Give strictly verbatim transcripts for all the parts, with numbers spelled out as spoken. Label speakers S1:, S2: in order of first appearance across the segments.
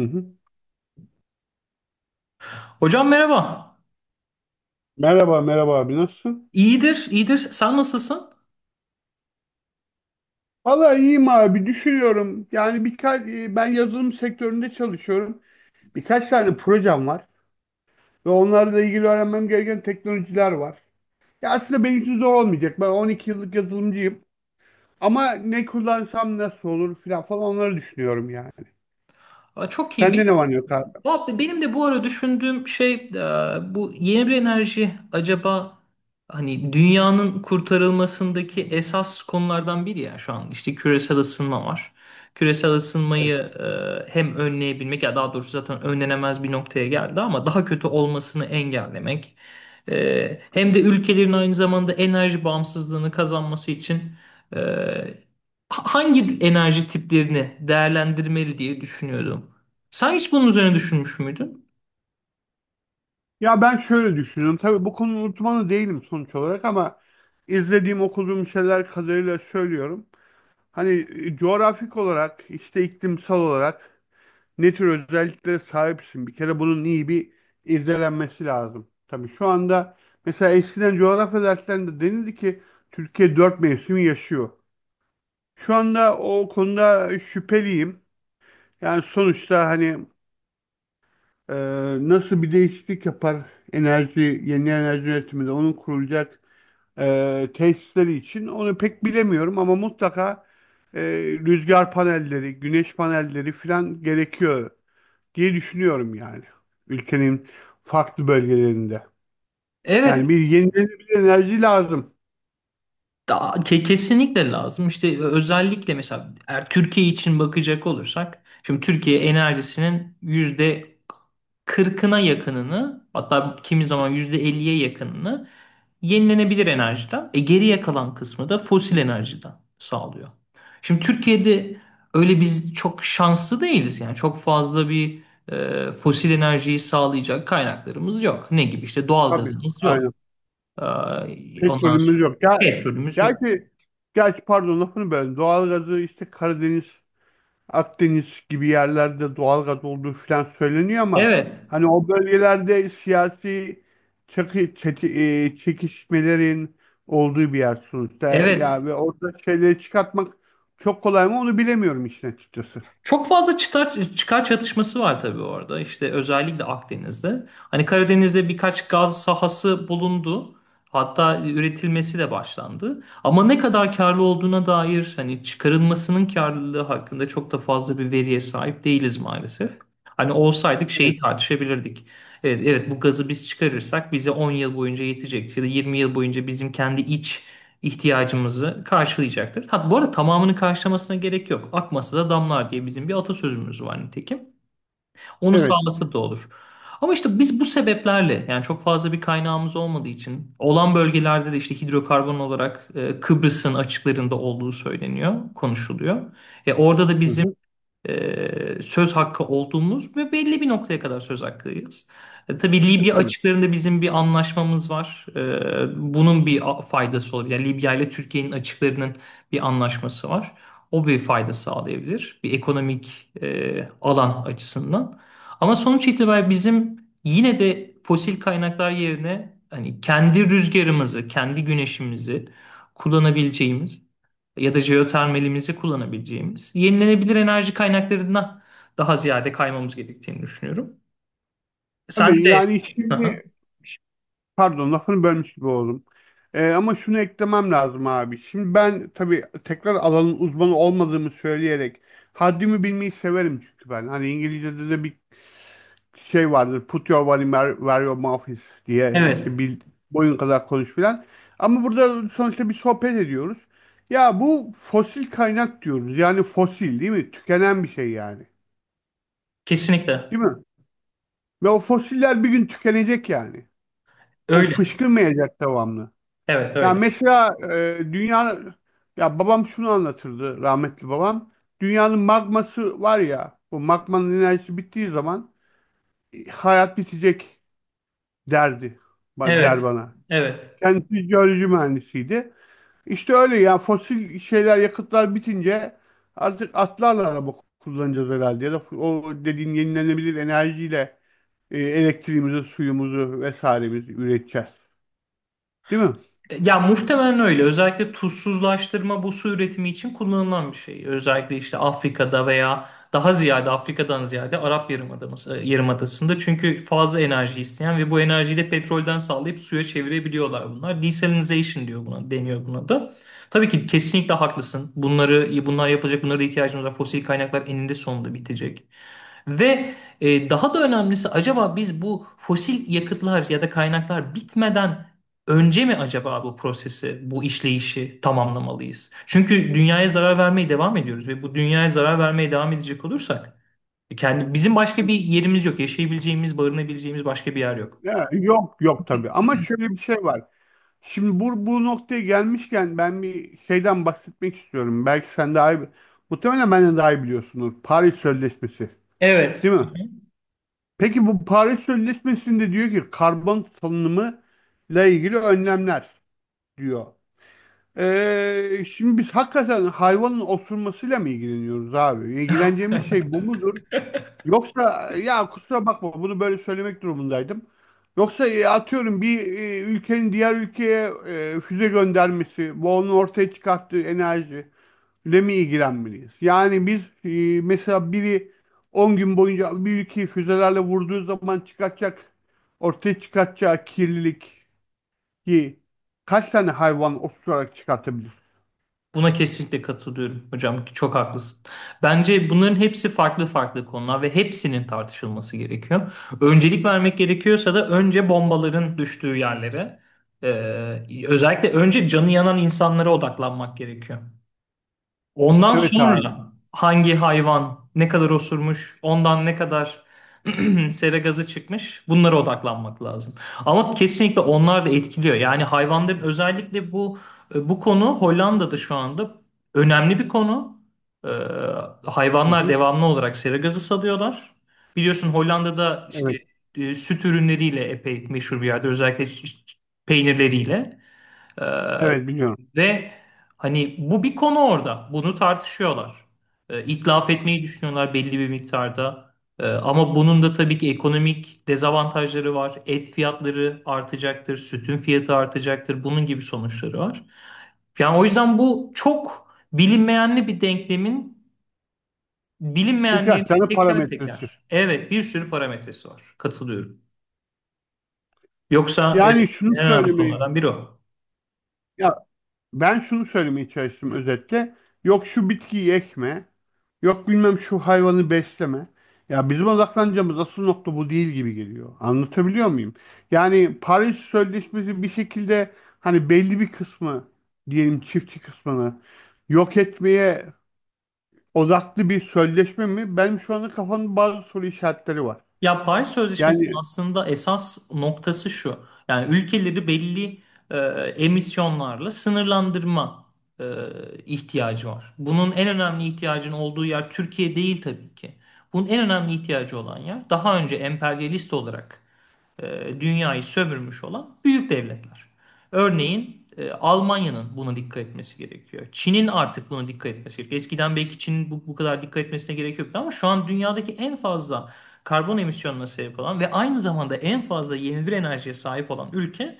S1: Hı hı.
S2: Hocam merhaba.
S1: Merhaba, merhaba abi nasılsın?
S2: İyidir, iyidir. Sen nasılsın?
S1: Valla iyiyim abi düşünüyorum. Yani birkaç e, ben yazılım sektöründe çalışıyorum. Birkaç tane projem var ve onlarla ilgili öğrenmem gereken teknolojiler var. Ya aslında benim için zor olmayacak. Ben on iki yıllık yazılımcıyım. Ama ne kullansam nasıl olur filan falan onları düşünüyorum yani.
S2: Aa, çok
S1: Sende ne var
S2: iyi.
S1: ne yok abi?
S2: Valla benim de bu ara düşündüğüm şey e, bu yeni bir enerji acaba hani dünyanın kurtarılmasındaki esas konulardan biri ya şu an işte küresel ısınma var. Küresel
S1: Evet.
S2: ısınmayı e, hem önleyebilmek ya daha doğrusu zaten önlenemez bir noktaya geldi ama daha kötü olmasını engellemek. E, hem de ülkelerin aynı zamanda enerji bağımsızlığını kazanması için e, hangi enerji tiplerini değerlendirmeli diye düşünüyordum. Sen hiç bunun üzerine düşünmüş müydün?
S1: Ya ben şöyle düşünüyorum. Tabii bu konu uzmanı değilim sonuç olarak ama izlediğim okuduğum şeyler kadarıyla söylüyorum. Hani e, coğrafik olarak, işte iklimsel olarak ne tür özelliklere sahipsin? Bir kere bunun iyi bir irdelenmesi lazım. Tabii şu anda mesela eskiden coğrafya derslerinde denildi ki Türkiye dört mevsim yaşıyor. Şu anda o konuda şüpheliyim. Yani sonuçta hani e, nasıl bir değişiklik yapar enerji, yeni enerji üretiminde onun kurulacak e, tesisleri için onu pek bilemiyorum ama mutlaka e, rüzgar panelleri, güneş panelleri filan gerekiyor diye düşünüyorum yani. Ülkenin farklı bölgelerinde. Yani
S2: Evet,
S1: bir yenilenebilir enerji lazım.
S2: da- ke- kesinlikle lazım. İşte özellikle mesela eğer Türkiye için bakacak olursak, şimdi Türkiye enerjisinin yüzde kırkına yakınını, hatta kimi zaman yüzde elliye yakınını yenilenebilir enerjiden, e, geriye kalan kısmı da fosil enerjiden sağlıyor. Şimdi Türkiye'de öyle biz çok şanslı değiliz yani çok fazla bir e, fosil enerjiyi sağlayacak kaynaklarımız yok. Ne gibi işte
S1: Tabii,
S2: doğalgazımız yok.
S1: aynen.
S2: Ee, Ondan
S1: Petrolümüz
S2: sonra
S1: yok. Ya,
S2: petrolümüz yok.
S1: gerçi, gerçi pardon lafını böldüm. Doğalgazı işte Karadeniz Akdeniz gibi yerlerde doğalgaz olduğu falan söyleniyor ama
S2: Evet,
S1: hani o bölgelerde siyasi çakı, çeti- e, çekişmelerin olduğu bir yer sonuçta.
S2: evet.
S1: Ya ve orada şeyleri çıkartmak çok kolay mı onu bilemiyorum işin açıkçası.
S2: Çok fazla çıkar, Çıkar çatışması var tabii orada. İşte özellikle Akdeniz'de. Hani Karadeniz'de birkaç gaz sahası bulundu. Hatta üretilmesi de başlandı. Ama ne kadar karlı olduğuna dair hani çıkarılmasının karlılığı hakkında çok da fazla bir veriye sahip değiliz maalesef. Hani olsaydık şeyi
S1: Evet.
S2: tartışabilirdik. Evet, evet, bu gazı biz çıkarırsak bize on yıl boyunca yetecektir ya da yirmi yıl boyunca bizim kendi iç ihtiyacımızı karşılayacaktır. Tat, bu arada tamamını karşılamasına gerek yok. Akmasa da damlar diye bizim bir atasözümüz var nitekim. Onu
S1: Evet.
S2: sağlasa da olur. Ama işte biz bu sebeplerle yani çok fazla bir kaynağımız olmadığı için olan bölgelerde de işte hidrokarbon olarak e, Kıbrıs'ın açıklarında olduğu söyleniyor, konuşuluyor. E, orada da
S1: Hı
S2: bizim
S1: hı.
S2: e, söz hakkı olduğumuz ve belli bir noktaya kadar söz hakkıyız. E, tabii
S1: E,
S2: Libya
S1: tabii.
S2: açıklarında bizim bir anlaşmamız var. E, bunun bir a- faydası olabilir. Yani Libya ile Türkiye'nin açıklarının bir anlaşması var. O bir fayda sağlayabilir. Bir ekonomik e, alan açısından. Ama sonuç itibariyle bizim yine de fosil kaynaklar yerine hani kendi rüzgarımızı, kendi güneşimizi kullanabileceğimiz ya da jeotermalimizi kullanabileceğimiz yenilenebilir enerji kaynaklarına daha ziyade kaymamız gerektiğini düşünüyorum. Sen
S1: Tabii
S2: de.
S1: yani
S2: Aha.
S1: şimdi pardon lafını bölmüş gibi oldum. E, ama şunu eklemem lazım abi. Şimdi ben tabii tekrar alanın uzmanı olmadığımı söyleyerek haddimi bilmeyi severim çünkü ben. Hani İngilizce'de de bir şey vardır. Put your money where where your mouth is diye
S2: Evet,
S1: işte bil, boyun kadar konuş filan. Ama burada sonuçta bir sohbet ediyoruz. Ya bu fosil kaynak diyoruz. Yani fosil değil mi? Tükenen bir şey yani.
S2: kesinlikle.
S1: Değil mi? Ve o fosiller bir gün tükenecek yani. O
S2: Öyle.
S1: fışkırmayacak devamlı.
S2: Evet,
S1: Ya
S2: öyle.
S1: mesela e, dünya ya babam şunu anlatırdı rahmetli babam. Dünyanın magması var ya. O magmanın enerjisi bittiği zaman e, hayat bitecek derdi. ba- Der
S2: Evet.
S1: bana.
S2: Evet.
S1: Kendisi jeoloji mühendisiydi. İşte öyle ya fosil şeyler yakıtlar bitince artık atlarla araba kullanacağız herhalde ya da o dediğin yenilenebilir enerjiyle e, elektriğimizi, suyumuzu vesairemizi üreteceğiz. Değil mi?
S2: Ya muhtemelen öyle. Özellikle tuzsuzlaştırma bu su üretimi için kullanılan bir şey. Özellikle işte Afrika'da veya daha ziyade Afrika'dan ziyade Arap Yarımadası, e, Yarımadası'nda. Çünkü fazla enerji isteyen ve bu enerjiyi de petrolden sağlayıp suya çevirebiliyorlar bunlar. Desalinization diyor buna, deniyor buna da. Tabii ki kesinlikle haklısın. Bunları bunlar yapılacak, bunlara da ihtiyacımız var. Fosil kaynaklar eninde sonunda bitecek. Ve e, daha da önemlisi acaba biz bu fosil yakıtlar ya da kaynaklar bitmeden önce mi acaba bu prosesi, bu işleyişi tamamlamalıyız? Çünkü dünyaya zarar vermeye devam ediyoruz ve bu dünyaya zarar vermeye devam edecek olursak e, kendi bizim başka bir yerimiz yok. Yaşayabileceğimiz, barınabileceğimiz başka bir yer yok.
S1: Ya, yok yok tabii ama şöyle bir şey var. Şimdi bu, bu noktaya gelmişken ben bir şeyden bahsetmek istiyorum. Belki sen daha iyi, muhtemelen benden daha iyi biliyorsunuz. Paris Sözleşmesi.
S2: Evet.
S1: Değil mi? Peki bu Paris Sözleşmesi'nde diyor ki karbon salınımı ile ilgili önlemler diyor. Ee, şimdi biz hakikaten hayvanın osurmasıyla mı ilgileniyoruz abi? İlgileneceğimiz şey bu mudur? Yoksa ya kusura bakma bunu böyle söylemek durumundaydım. Yoksa e, atıyorum bir e, ülkenin diğer ülkeye e, füze göndermesi, bu onun ortaya çıkarttığı enerji ile mi ilgilenmeliyiz? Yani biz e, mesela biri on gün boyunca bir ülkeyi füzelerle vurduğu zaman çıkartacak, ortaya çıkartacağı kirliliği kaç tane hayvan oturarak çıkartabilir?
S2: Buna kesinlikle katılıyorum hocam. Çok haklısın. Bence bunların hepsi farklı farklı konular ve hepsinin tartışılması gerekiyor. Öncelik vermek gerekiyorsa da önce bombaların düştüğü yerlere, e, özellikle önce canı yanan insanlara odaklanmak gerekiyor. Ondan
S1: Evet abi.
S2: sonra hangi hayvan ne kadar osurmuş, ondan ne kadar sera gazı çıkmış bunlara odaklanmak lazım. Ama kesinlikle onlar da etkiliyor. Yani hayvanların özellikle bu e, bu konu Hollanda'da şu anda önemli bir konu. Ee,
S1: Hı
S2: Hayvanlar
S1: hı.
S2: devamlı olarak sera gazı salıyorlar. Biliyorsun Hollanda'da işte
S1: Evet.
S2: e, süt ürünleriyle epey meşhur bir yerde özellikle ç- ç- peynirleriyle. Ee,
S1: Evet biliyorum.
S2: Ve hani bu bir konu orada. Bunu tartışıyorlar. Ee, itlaf etmeyi düşünüyorlar belli bir miktarda. Ee, ama bunun da tabii ki ekonomik dezavantajları var. Et fiyatları artacaktır, sütün fiyatı artacaktır. Bunun gibi sonuçları var. Yani o yüzden bu çok bilinmeyenli bir denklemin bilinmeyenliğini
S1: Birkaç tane
S2: teker
S1: parametresi.
S2: teker. Evet, bir sürü parametresi var. Katılıyorum. Yoksa
S1: Yani
S2: evet
S1: şunu
S2: en önemli
S1: söylemeyi,
S2: konulardan biri o.
S1: ya ben şunu söylemeye çalıştım özetle. Yok şu bitkiyi ekme. Yok bilmem şu hayvanı besleme. Ya bizim odaklanacağımız asıl nokta bu değil gibi geliyor. Anlatabiliyor muyum? Yani Paris Sözleşmesi bir şekilde hani belli bir kısmı diyelim çiftçi kısmını yok etmeye odaklı bir sözleşme mi? Benim şu anda kafamda bazı soru işaretleri var.
S2: Ya Paris Sözleşmesi'nin
S1: Yani
S2: aslında esas noktası şu. Yani ülkeleri belli e, emisyonlarla sınırlandırma e, ihtiyacı var. Bunun en önemli ihtiyacın olduğu yer Türkiye değil tabii ki. Bunun en önemli ihtiyacı olan yer daha önce emperyalist olarak e, dünyayı sömürmüş olan büyük devletler. Örneğin e, Almanya'nın buna dikkat etmesi gerekiyor. Çin'in artık buna dikkat etmesi gerekiyor. Eskiden belki Çin'in bu, bu kadar dikkat etmesine gerek yoktu ama şu an dünyadaki en fazla karbon emisyonuna sebep olan ve aynı zamanda en fazla yenilenebilir enerjiye sahip olan ülke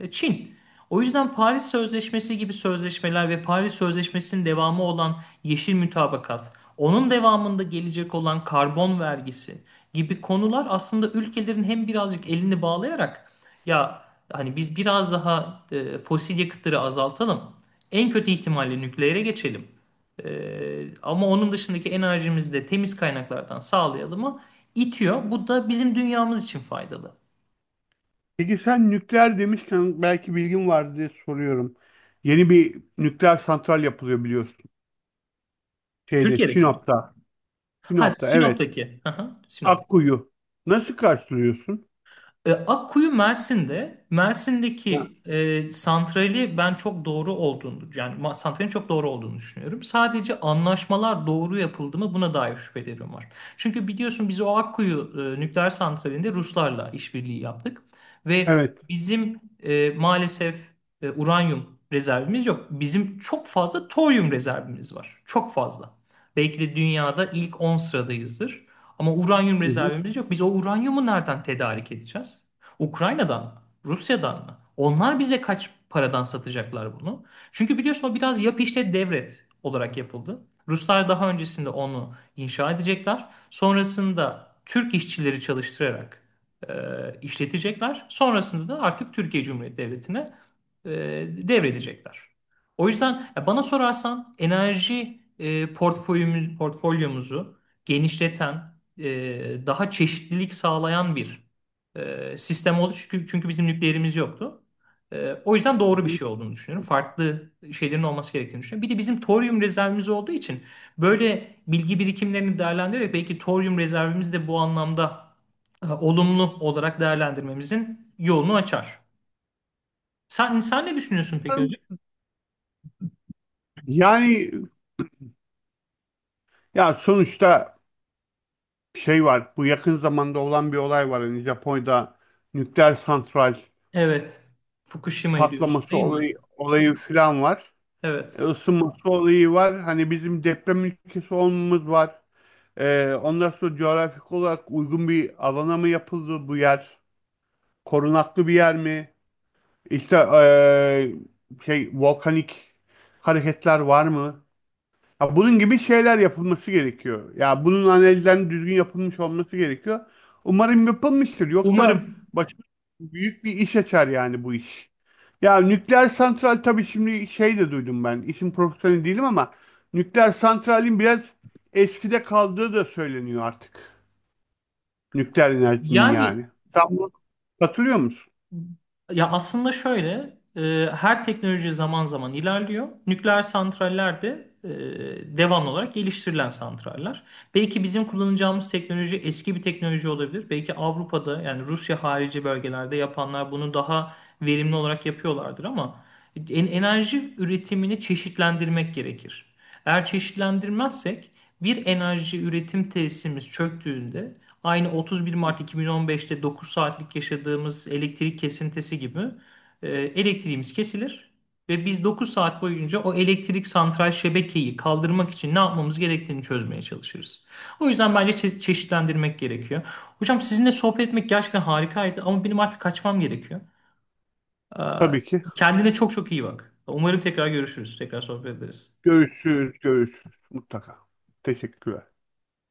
S2: e, Çin. O yüzden Paris Sözleşmesi gibi sözleşmeler ve Paris Sözleşmesi'nin devamı olan yeşil mütabakat, onun devamında gelecek olan karbon vergisi gibi konular aslında ülkelerin hem birazcık elini bağlayarak ya hani biz biraz daha e, fosil yakıtları azaltalım. En kötü ihtimalle nükleere geçelim. E, Ama onun dışındaki enerjimizi de temiz kaynaklardan sağlayalım'ı itiyor. Bu da bizim dünyamız için faydalı.
S1: peki sen nükleer demişken belki bilgin var diye soruyorum. Yeni bir nükleer santral yapılıyor biliyorsun. Şeyde
S2: Türkiye'deki mi?
S1: Sinop'ta.
S2: Ha
S1: Sinop'ta evet.
S2: Sinop'taki. Aha, Sinop'taki.
S1: Akkuyu. Nasıl karşılıyorsun?
S2: E, Akkuyu Mersin'de.
S1: Ha,
S2: Mersin'deki e, santrali ben çok doğru olduğunu yani ma- santralin çok doğru olduğunu düşünüyorum. Sadece anlaşmalar doğru yapıldı mı buna dair şüphelerim var. Çünkü biliyorsun biz o Akkuyu e, nükleer santralinde Ruslarla işbirliği yaptık ve
S1: evet.
S2: bizim e, maalesef e, uranyum rezervimiz yok. Bizim çok fazla toryum rezervimiz var. Çok fazla. Belki de dünyada ilk on sıradayızdır. Ama uranyum
S1: Hı hı,
S2: rezervimiz yok. Biz o uranyumu nereden tedarik edeceğiz? Ukrayna'dan mı? Rusya'dan mı? Onlar bize kaç paradan satacaklar bunu? Çünkü biliyorsun o biraz yap işlet devret olarak yapıldı. Ruslar daha öncesinde onu inşa edecekler. Sonrasında Türk işçileri çalıştırarak e, işletecekler. Sonrasında da artık Türkiye Cumhuriyeti Devleti'ne e, devredecekler. O yüzden ya bana sorarsan enerji e, portföyümüz, portfolyomuzu genişleten, e, daha çeşitlilik sağlayan bir e, sistem oldu. Çünkü, çünkü bizim nükleerimiz yoktu. E, o yüzden
S1: hı
S2: doğru bir
S1: hı.
S2: şey olduğunu düşünüyorum. Farklı şeylerin olması gerektiğini düşünüyorum. Bir de bizim toryum rezervimiz olduğu için böyle bilgi birikimlerini değerlendirerek belki toryum rezervimiz de bu anlamda e, olumlu olarak değerlendirmemizin yolunu açar. Sen, sen ne düşünüyorsun peki hocam?
S1: Yani ya sonuçta şey var. Bu yakın zamanda olan bir olay var. Hani Japonya'da nükleer santral
S2: Evet. Fukushima'yı diyorsun
S1: patlaması
S2: değil mi?
S1: olayı, olayı falan var.
S2: Evet.
S1: E, ısınması olayı var. Hani bizim deprem ülkesi olmamız var. E, ondan sonra coğrafik olarak uygun bir alana mı yapıldı bu yer? Korunaklı bir yer mi? İşte eee, şey volkanik hareketler var mı? Ya bunun gibi şeyler yapılması gerekiyor. Ya bunun analizlerinin düzgün yapılmış olması gerekiyor. Umarım yapılmıştır. Yoksa
S2: Umarım.
S1: başımıza büyük bir iş açar yani bu iş. Ya nükleer santral tabii şimdi şey de duydum ben. İşin profesyoneli değilim ama nükleer santralin biraz eskide kaldığı da söyleniyor artık. Nükleer enerjinin
S2: Yani
S1: yani. Sen buna katılıyor musun?
S2: Ya aslında şöyle, e, her teknoloji zaman zaman ilerliyor. Nükleer santraller de e, devamlı olarak geliştirilen santraller. Belki bizim kullanacağımız teknoloji eski bir teknoloji olabilir. Belki Avrupa'da yani Rusya harici bölgelerde yapanlar bunu daha verimli olarak yapıyorlardır ama en- enerji üretimini çeşitlendirmek gerekir. Eğer çeşitlendirmezsek bir enerji üretim tesisimiz çöktüğünde aynı otuz bir Mart iki bin on beşte dokuz saatlik yaşadığımız elektrik kesintisi gibi e, elektriğimiz kesilir ve biz dokuz saat boyunca o elektrik santral şebekeyi kaldırmak için ne yapmamız gerektiğini çözmeye çalışırız. O yüzden bence çe- çeşitlendirmek gerekiyor. Hocam sizinle sohbet etmek gerçekten harikaydı ama benim artık kaçmam gerekiyor. Ee,
S1: Tabii ki.
S2: Kendine çok çok iyi bak. Umarım tekrar görüşürüz. Tekrar sohbet ederiz.
S1: Görüşürüz, görüşürüz mutlaka. Teşekkürler.